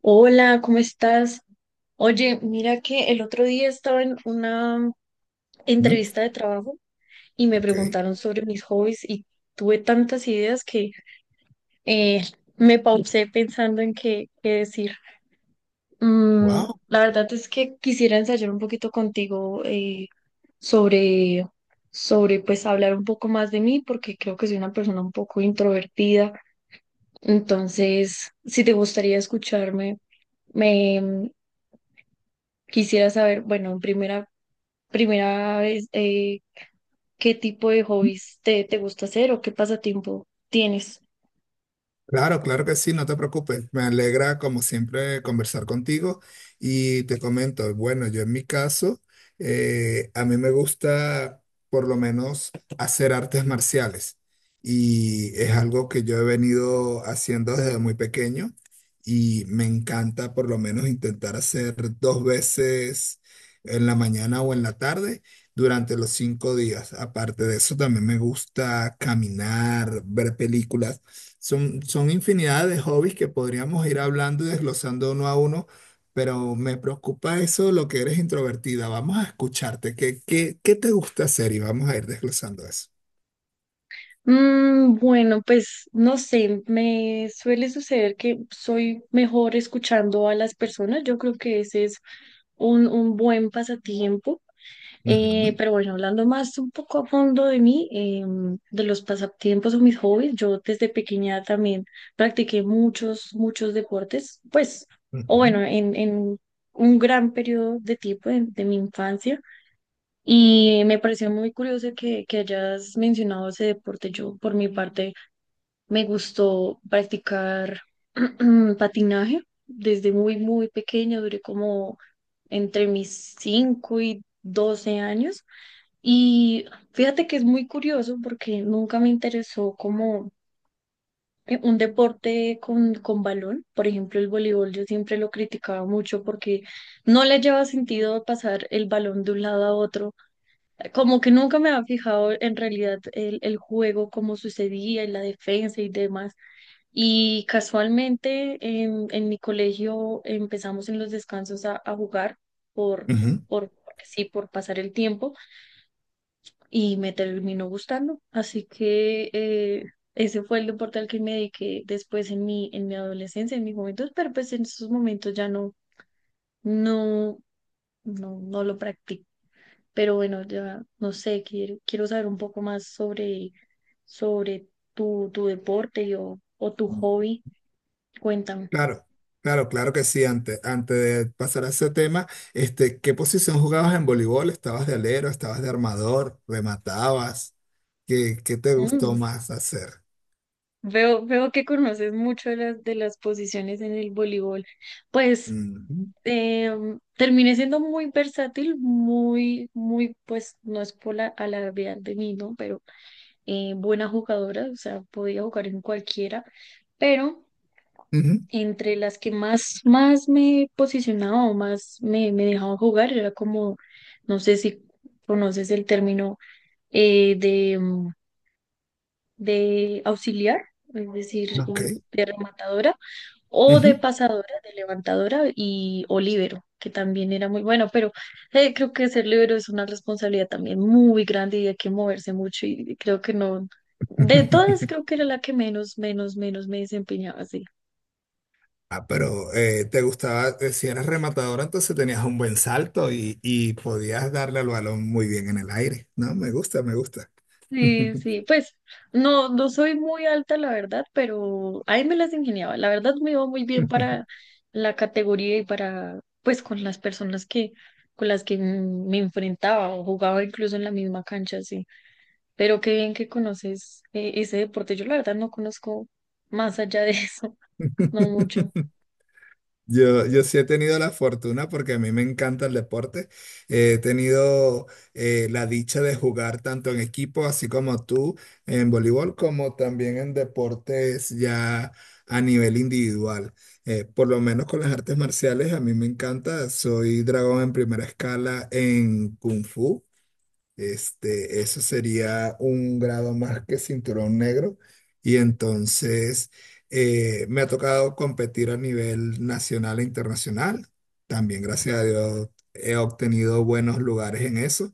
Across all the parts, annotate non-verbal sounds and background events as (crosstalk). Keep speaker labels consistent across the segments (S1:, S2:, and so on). S1: Hola, ¿cómo estás? Oye, mira que el otro día estaba en una
S2: Mm.
S1: entrevista de trabajo y me
S2: Ok.
S1: preguntaron sobre mis hobbies y tuve tantas ideas que eh, me pausé pensando en qué decir.
S2: Wow.
S1: La verdad es que quisiera ensayar un poquito contigo sobre, sobre pues hablar un poco más de mí porque creo que soy una persona un poco introvertida. Entonces, si te gustaría escucharme, me... quisiera saber, bueno, en primera vez, ¿qué tipo de hobbies te gusta hacer o qué pasatiempo tienes?
S2: Claro, claro que sí, no te preocupes. Me alegra, como siempre, conversar contigo. Y te comento, bueno, yo en mi caso, a mí me gusta por lo menos hacer artes marciales. Y es algo que yo he venido haciendo desde muy pequeño. Y me encanta por lo menos intentar hacer dos veces en la mañana o en la tarde durante los 5 días. Aparte de eso, también me gusta caminar, ver películas. Son infinidad de hobbies que podríamos ir hablando y desglosando uno a uno, pero me preocupa eso, lo que eres introvertida. Vamos a escucharte. ¿Qué te gusta hacer? Y vamos a ir desglosando eso.
S1: Bueno, pues no sé, me suele suceder que soy mejor escuchando a las personas. Yo creo que ese es un buen pasatiempo.
S2: Ujú,
S1: Pero bueno, hablando más un poco a fondo de mí, de los pasatiempos o mis hobbies, yo desde pequeña también practiqué muchos, muchos deportes, pues, o bueno, en un gran periodo de tiempo de mi infancia. Y me pareció muy curioso que hayas mencionado ese deporte. Yo, por mi parte, me gustó practicar (clears throat) patinaje desde muy, muy pequeña, duré como entre mis 5 y 12 años. Y fíjate que es muy curioso porque nunca me interesó como un deporte con balón. Por ejemplo, el voleibol yo siempre lo criticaba mucho porque no le lleva sentido pasar el balón de un lado a otro. Como que nunca me había fijado en realidad el juego, cómo sucedía, en la defensa y demás. Y casualmente en mi colegio empezamos en los descansos a jugar por,
S2: ujú,
S1: por, sí, por pasar el tiempo y me terminó gustando. Así que ese fue el deporte al que me dediqué después en mi, adolescencia, en mi juventud, pero pues en esos momentos ya no, no, no, no lo practico. Pero bueno, ya no sé, quiero saber un poco más sobre tu deporte o tu
S2: ujú.
S1: hobby. Cuéntame.
S2: Claro, claro, claro que sí. Antes de pasar a ese tema, ¿qué posición jugabas en voleibol? ¿Estabas de alero? ¿Estabas de armador? ¿Rematabas? ¿Qué te gustó
S1: Mm,
S2: más hacer?
S1: veo que conoces mucho de las posiciones en el voleibol. Pues
S2: Ujú,
S1: terminé siendo muy versátil, muy, muy, pues no es por alardear de mí, ¿no? Pero buena jugadora, o sea, podía jugar en cualquiera, pero
S2: ujú.
S1: entre las que más me posicionaba o más me dejaban jugar era como, no sé si conoces el término eh, de, mm, de auxiliar, es decir,
S2: Ok.
S1: de rematadora o
S2: Ujú.
S1: de pasadora, de levantadora y o líbero, que también era muy bueno, pero creo que ser líbero es una responsabilidad también muy grande y hay que moverse mucho y creo que no, de todas creo
S2: (laughs)
S1: que era la que menos me desempeñaba así.
S2: Ah, pero te gustaba, si eras rematador, entonces tenías un buen salto y podías darle al balón muy bien en el aire. No, me gusta, me gusta.
S1: Sí, sí,
S2: (laughs)
S1: pues no, no soy muy alta, la verdad, pero ahí me las ingeniaba. La verdad me iba muy bien para la categoría y para, pues, con las personas que, con las que me enfrentaba o jugaba incluso en la misma cancha, sí. Pero qué bien que conoces ese deporte. Yo la verdad no conozco más allá de eso, (laughs) no mucho.
S2: Yo sí he tenido la fortuna porque a mí me encanta el deporte. He tenido la dicha de jugar tanto en equipo, así como tú, en voleibol, como también en deportes ya a nivel individual. Por lo menos con las artes marciales, a mí me encanta. Soy dragón en primera escala en Kung Fu. Eso sería un grado más que cinturón negro. Y entonces me ha tocado competir a nivel nacional e internacional. También, gracias a Dios, he obtenido buenos lugares en eso.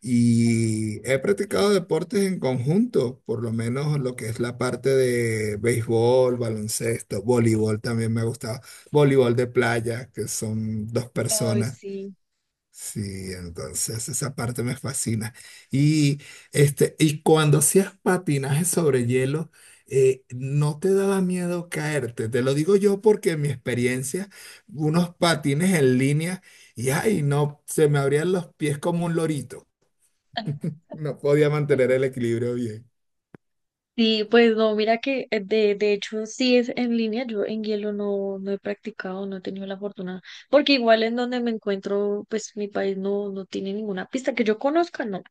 S2: Y he practicado
S1: Sí.
S2: deportes en conjunto, por lo menos lo que es la parte de béisbol, baloncesto, voleibol también me ha gustado. Voleibol de playa, que son dos
S1: Ay,
S2: personas.
S1: sí.
S2: Sí, entonces esa parte me fascina. Y, y cuando hacías patinaje sobre hielo, ¿no te daba miedo caerte? Te lo digo yo porque en mi experiencia, unos patines en línea y ay, no, se me abrían los pies como un lorito. No podía mantener el
S1: (laughs)
S2: equilibrio bien.
S1: Sí, pues no, mira que de hecho sí es en línea, yo en hielo no, no he practicado, no he tenido la fortuna, porque igual en donde me encuentro, pues mi país no, no tiene ninguna pista que yo conozca, no.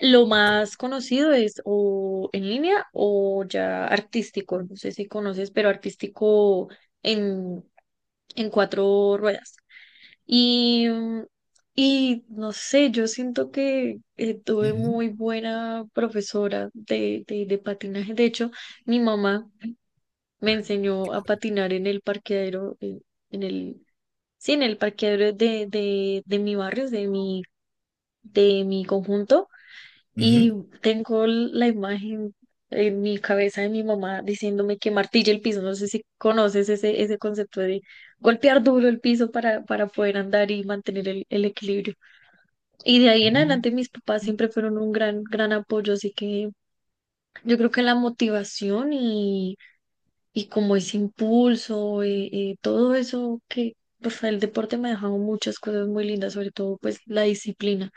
S1: Lo
S2: Ok.
S1: más conocido es o en línea o ya artístico, no sé si conoces, pero artístico en, en cuatro ruedas. Y, y no sé, yo siento que tuve
S2: Ujú,
S1: muy buena profesora de patinaje. De hecho, mi mamá me enseñó a patinar en el parqueadero, en, el, sí, en el parqueadero de mi barrio, de mi conjunto. Y tengo la imagen en mi cabeza de mi mamá diciéndome que martille el piso. No sé si conoces ese concepto de golpear duro el piso para poder andar y mantener el equilibrio. Y de ahí en
S2: ujú.
S1: adelante mis papás siempre fueron un gran, gran apoyo, así que yo creo que la motivación y como ese impulso, todo eso que, pues el deporte me ha dejado muchas cosas muy lindas, sobre todo pues la disciplina.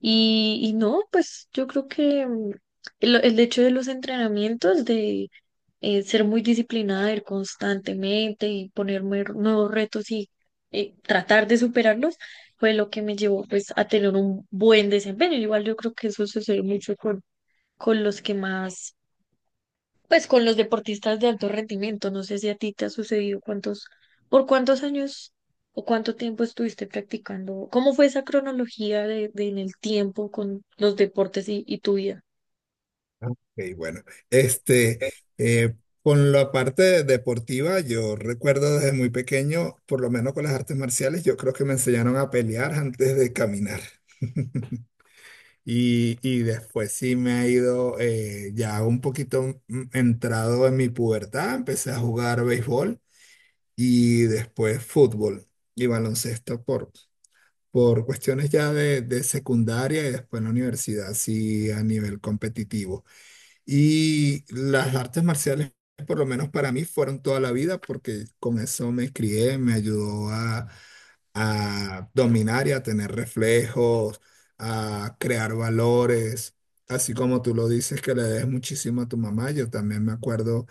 S1: Y no, pues yo creo que el hecho de los entrenamientos, de ser muy disciplinada, ir constantemente y ponerme nuevos retos y tratar de superarlos, fue lo que me llevó pues a tener un buen desempeño. Igual yo creo que eso sucede mucho con los que más pues con los deportistas de alto rendimiento, no sé si a ti te ha sucedido por cuántos años o cuánto tiempo estuviste practicando, cómo fue esa cronología de en el tiempo con los deportes y tu vida.
S2: Ok, bueno, este, eh, con la parte deportiva, yo recuerdo desde muy pequeño, por lo menos con las artes marciales, yo creo que me enseñaron a pelear antes de caminar. (laughs) Y, y después sí me ha ido ya un poquito entrado en mi pubertad, empecé a jugar béisbol y después fútbol y baloncesto por cuestiones ya de secundaria y después en la universidad, sí a nivel competitivo. Y las artes marciales, por lo menos para mí, fueron toda la vida porque con eso me crié, me ayudó a dominar y a tener reflejos, a crear valores, así como tú lo dices que le des muchísimo a tu mamá, yo también me acuerdo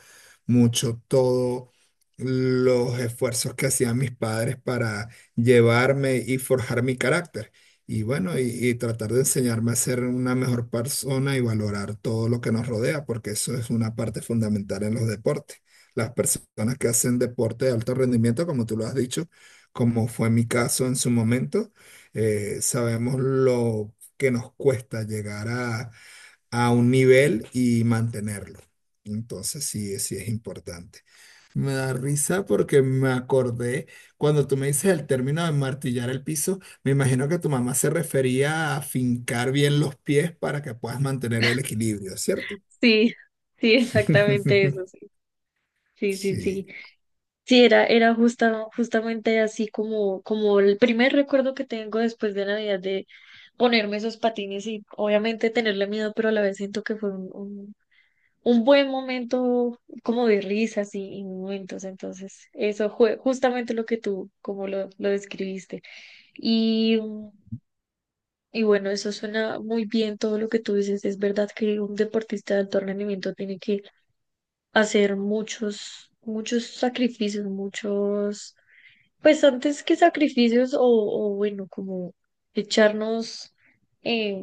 S2: mucho todos los esfuerzos que hacían mis padres para llevarme y forjar mi carácter. Y bueno, y tratar de enseñarme a ser una mejor persona y valorar todo lo que nos rodea, porque eso es una parte fundamental en los deportes. Las personas que hacen deporte de alto rendimiento, como tú lo has dicho, como fue mi caso en su momento, sabemos lo que nos cuesta llegar a un nivel y mantenerlo. Entonces sí, sí es importante. Me da risa porque me acordé, cuando tú me dices el término de martillar el piso, me imagino que tu mamá se refería a fincar bien los pies para que puedas mantener el equilibrio, ¿cierto?
S1: Sí, sí, exactamente eso,
S2: (laughs)
S1: sí. Sí, sí,
S2: Sí.
S1: sí. Sí, era justamente así como el primer recuerdo que tengo después de Navidad de ponerme esos patines y obviamente tenerle miedo, pero a la vez siento que fue un buen momento como de risas y momentos. Entonces, eso fue justamente lo que tú, como lo describiste. Y, mm, y bueno, eso suena muy bien todo lo que tú dices. Es verdad que un deportista de alto rendimiento tiene que hacer muchos, muchos sacrificios, pues antes que sacrificios o bueno, como echarnos... eh,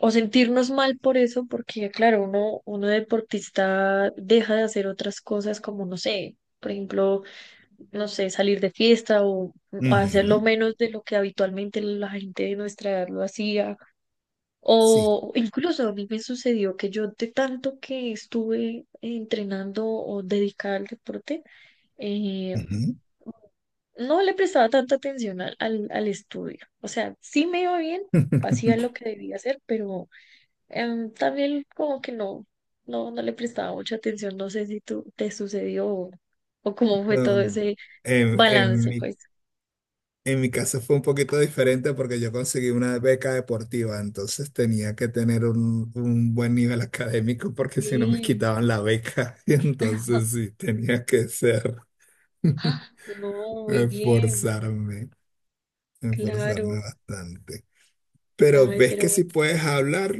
S1: o sentirnos mal por eso, porque claro, uno deportista deja de hacer otras cosas como, no sé, por ejemplo, no sé, salir de fiesta o hacerlo
S2: Ujú.
S1: menos de lo que habitualmente la gente de nuestra edad lo hacía.
S2: Sí.
S1: O incluso a mí me sucedió que yo de tanto que estuve entrenando o dedicada al deporte, eh,
S2: Ujú.
S1: no le prestaba tanta atención al estudio. O sea, sí me iba bien, hacía lo
S2: (laughs)
S1: que debía hacer, pero también como que no, no, no le prestaba mucha atención, no sé si tú te sucedió o cómo fue todo
S2: No.
S1: ese
S2: En, en
S1: balance,
S2: mi
S1: pues.
S2: En mi caso fue un poquito diferente porque yo conseguí una beca deportiva, entonces tenía que tener un buen nivel académico porque si no me
S1: Sí.
S2: quitaban la beca, (laughs) y entonces
S1: (laughs)
S2: sí, tenía que ser, (laughs)
S1: Ah, no, muy bien,
S2: esforzarme, esforzarme
S1: claro.
S2: bastante. Pero
S1: Ay,
S2: ves
S1: pero
S2: que si
S1: bueno,
S2: puedes hablar,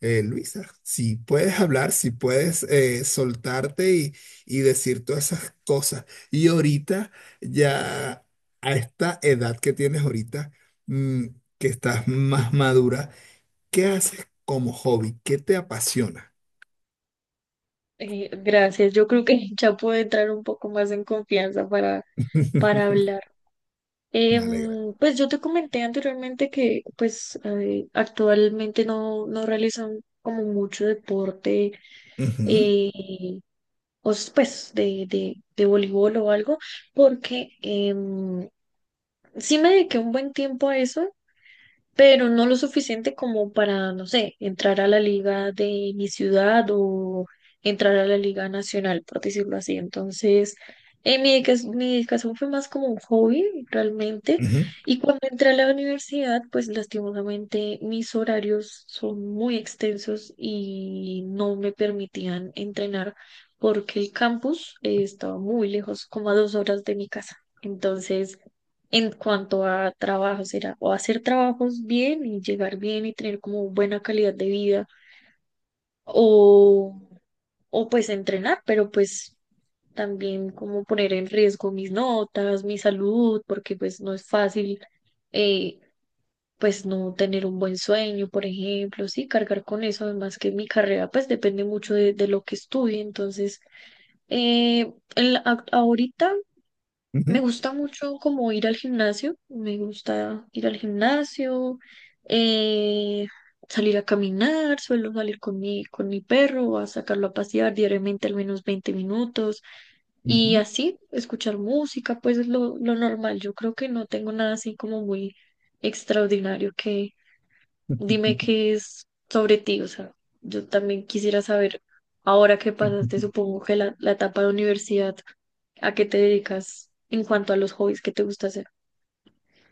S2: Luisa, si puedes hablar, si puedes soltarte y decir todas esas cosas. Y ahorita, ya a esta edad que tienes ahorita, mm, que estás más madura, ¿qué haces como hobby? ¿Qué te apasiona?
S1: gracias. Yo creo que ya puedo entrar un poco más en confianza para
S2: (laughs)
S1: hablar.
S2: Me alegra.
S1: Pues yo te comenté anteriormente que pues actualmente no, no realizan como mucho deporte.
S2: Ujú,
S1: eh, o pues de voleibol o algo, porque sí me dediqué un buen tiempo a eso pero no lo suficiente como para, no sé, entrar a la liga de mi ciudad o entrar a la liga nacional, por decirlo así. Entonces, mi dedicación fue más como un hobby realmente.
S2: ujú,
S1: Y cuando entré a la universidad, pues lastimosamente mis horarios son muy extensos y no me permitían entrenar porque el campus, estaba muy lejos, como a 2 horas de mi casa. Entonces, en cuanto a trabajos, era o hacer trabajos bien y llegar bien y tener como buena calidad de vida, o, o pues entrenar, pero pues también como poner en riesgo mis notas, mi salud, porque pues no es fácil eh, pues no tener un buen sueño, por ejemplo, sí, cargar con eso, además que mi carrera pues depende mucho de lo que estudie, entonces ahorita me
S2: ujú,
S1: gusta mucho como ir al gimnasio, me gusta ir al gimnasio, eh, salir a caminar, suelo salir con mi, perro, a sacarlo a pasear diariamente al menos 20 minutos y así, escuchar música, pues es lo normal. Yo creo que no tengo nada así como muy extraordinario que dime qué es sobre ti, o sea, yo también quisiera saber ahora que
S2: ujú.
S1: pasaste,
S2: (laughs)
S1: supongo que la etapa de universidad. ¿A qué te dedicas en cuanto a los hobbies que te gusta hacer?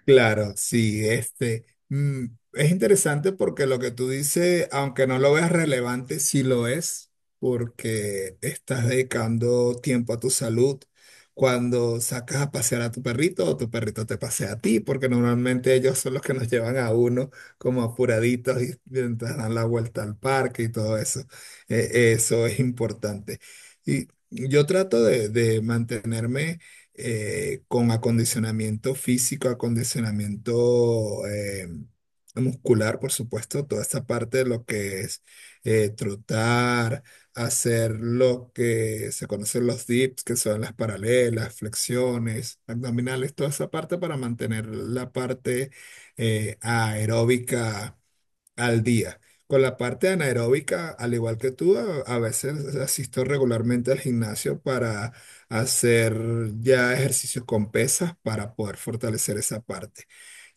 S2: Claro, sí, es interesante porque lo que tú dices, aunque no lo veas relevante, sí lo es, porque estás dedicando tiempo a tu salud cuando sacas a pasear a tu perrito o tu perrito te pasea a ti, porque normalmente ellos son los que nos llevan a uno como apuraditos y mientras dan la vuelta al parque y todo eso. Eso es importante. Y yo trato de mantenerme con acondicionamiento físico, acondicionamiento muscular, por supuesto, toda esta parte de lo que es trotar, hacer lo que se conocen los dips, que son las paralelas, flexiones, abdominales, toda esa parte para mantener la parte aeróbica al día. Con la parte anaeróbica, al igual que tú, a veces asisto regularmente al gimnasio para hacer ya ejercicios con pesas para poder fortalecer esa parte.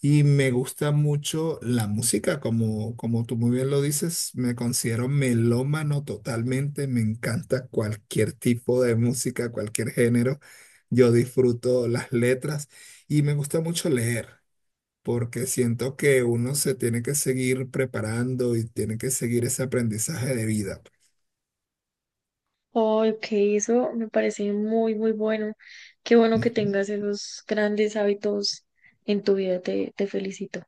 S2: Y me gusta mucho la música, como, como tú muy bien lo dices, me considero melómano totalmente, me encanta cualquier tipo de música, cualquier género, yo disfruto las letras y me gusta mucho leer porque siento que uno se tiene que seguir preparando y tiene que seguir ese aprendizaje de vida.
S1: Ay, ok, eso me parece muy, muy bueno. Qué bueno
S2: Pues,
S1: que
S2: ¿no?
S1: tengas esos grandes hábitos en tu vida, te felicito.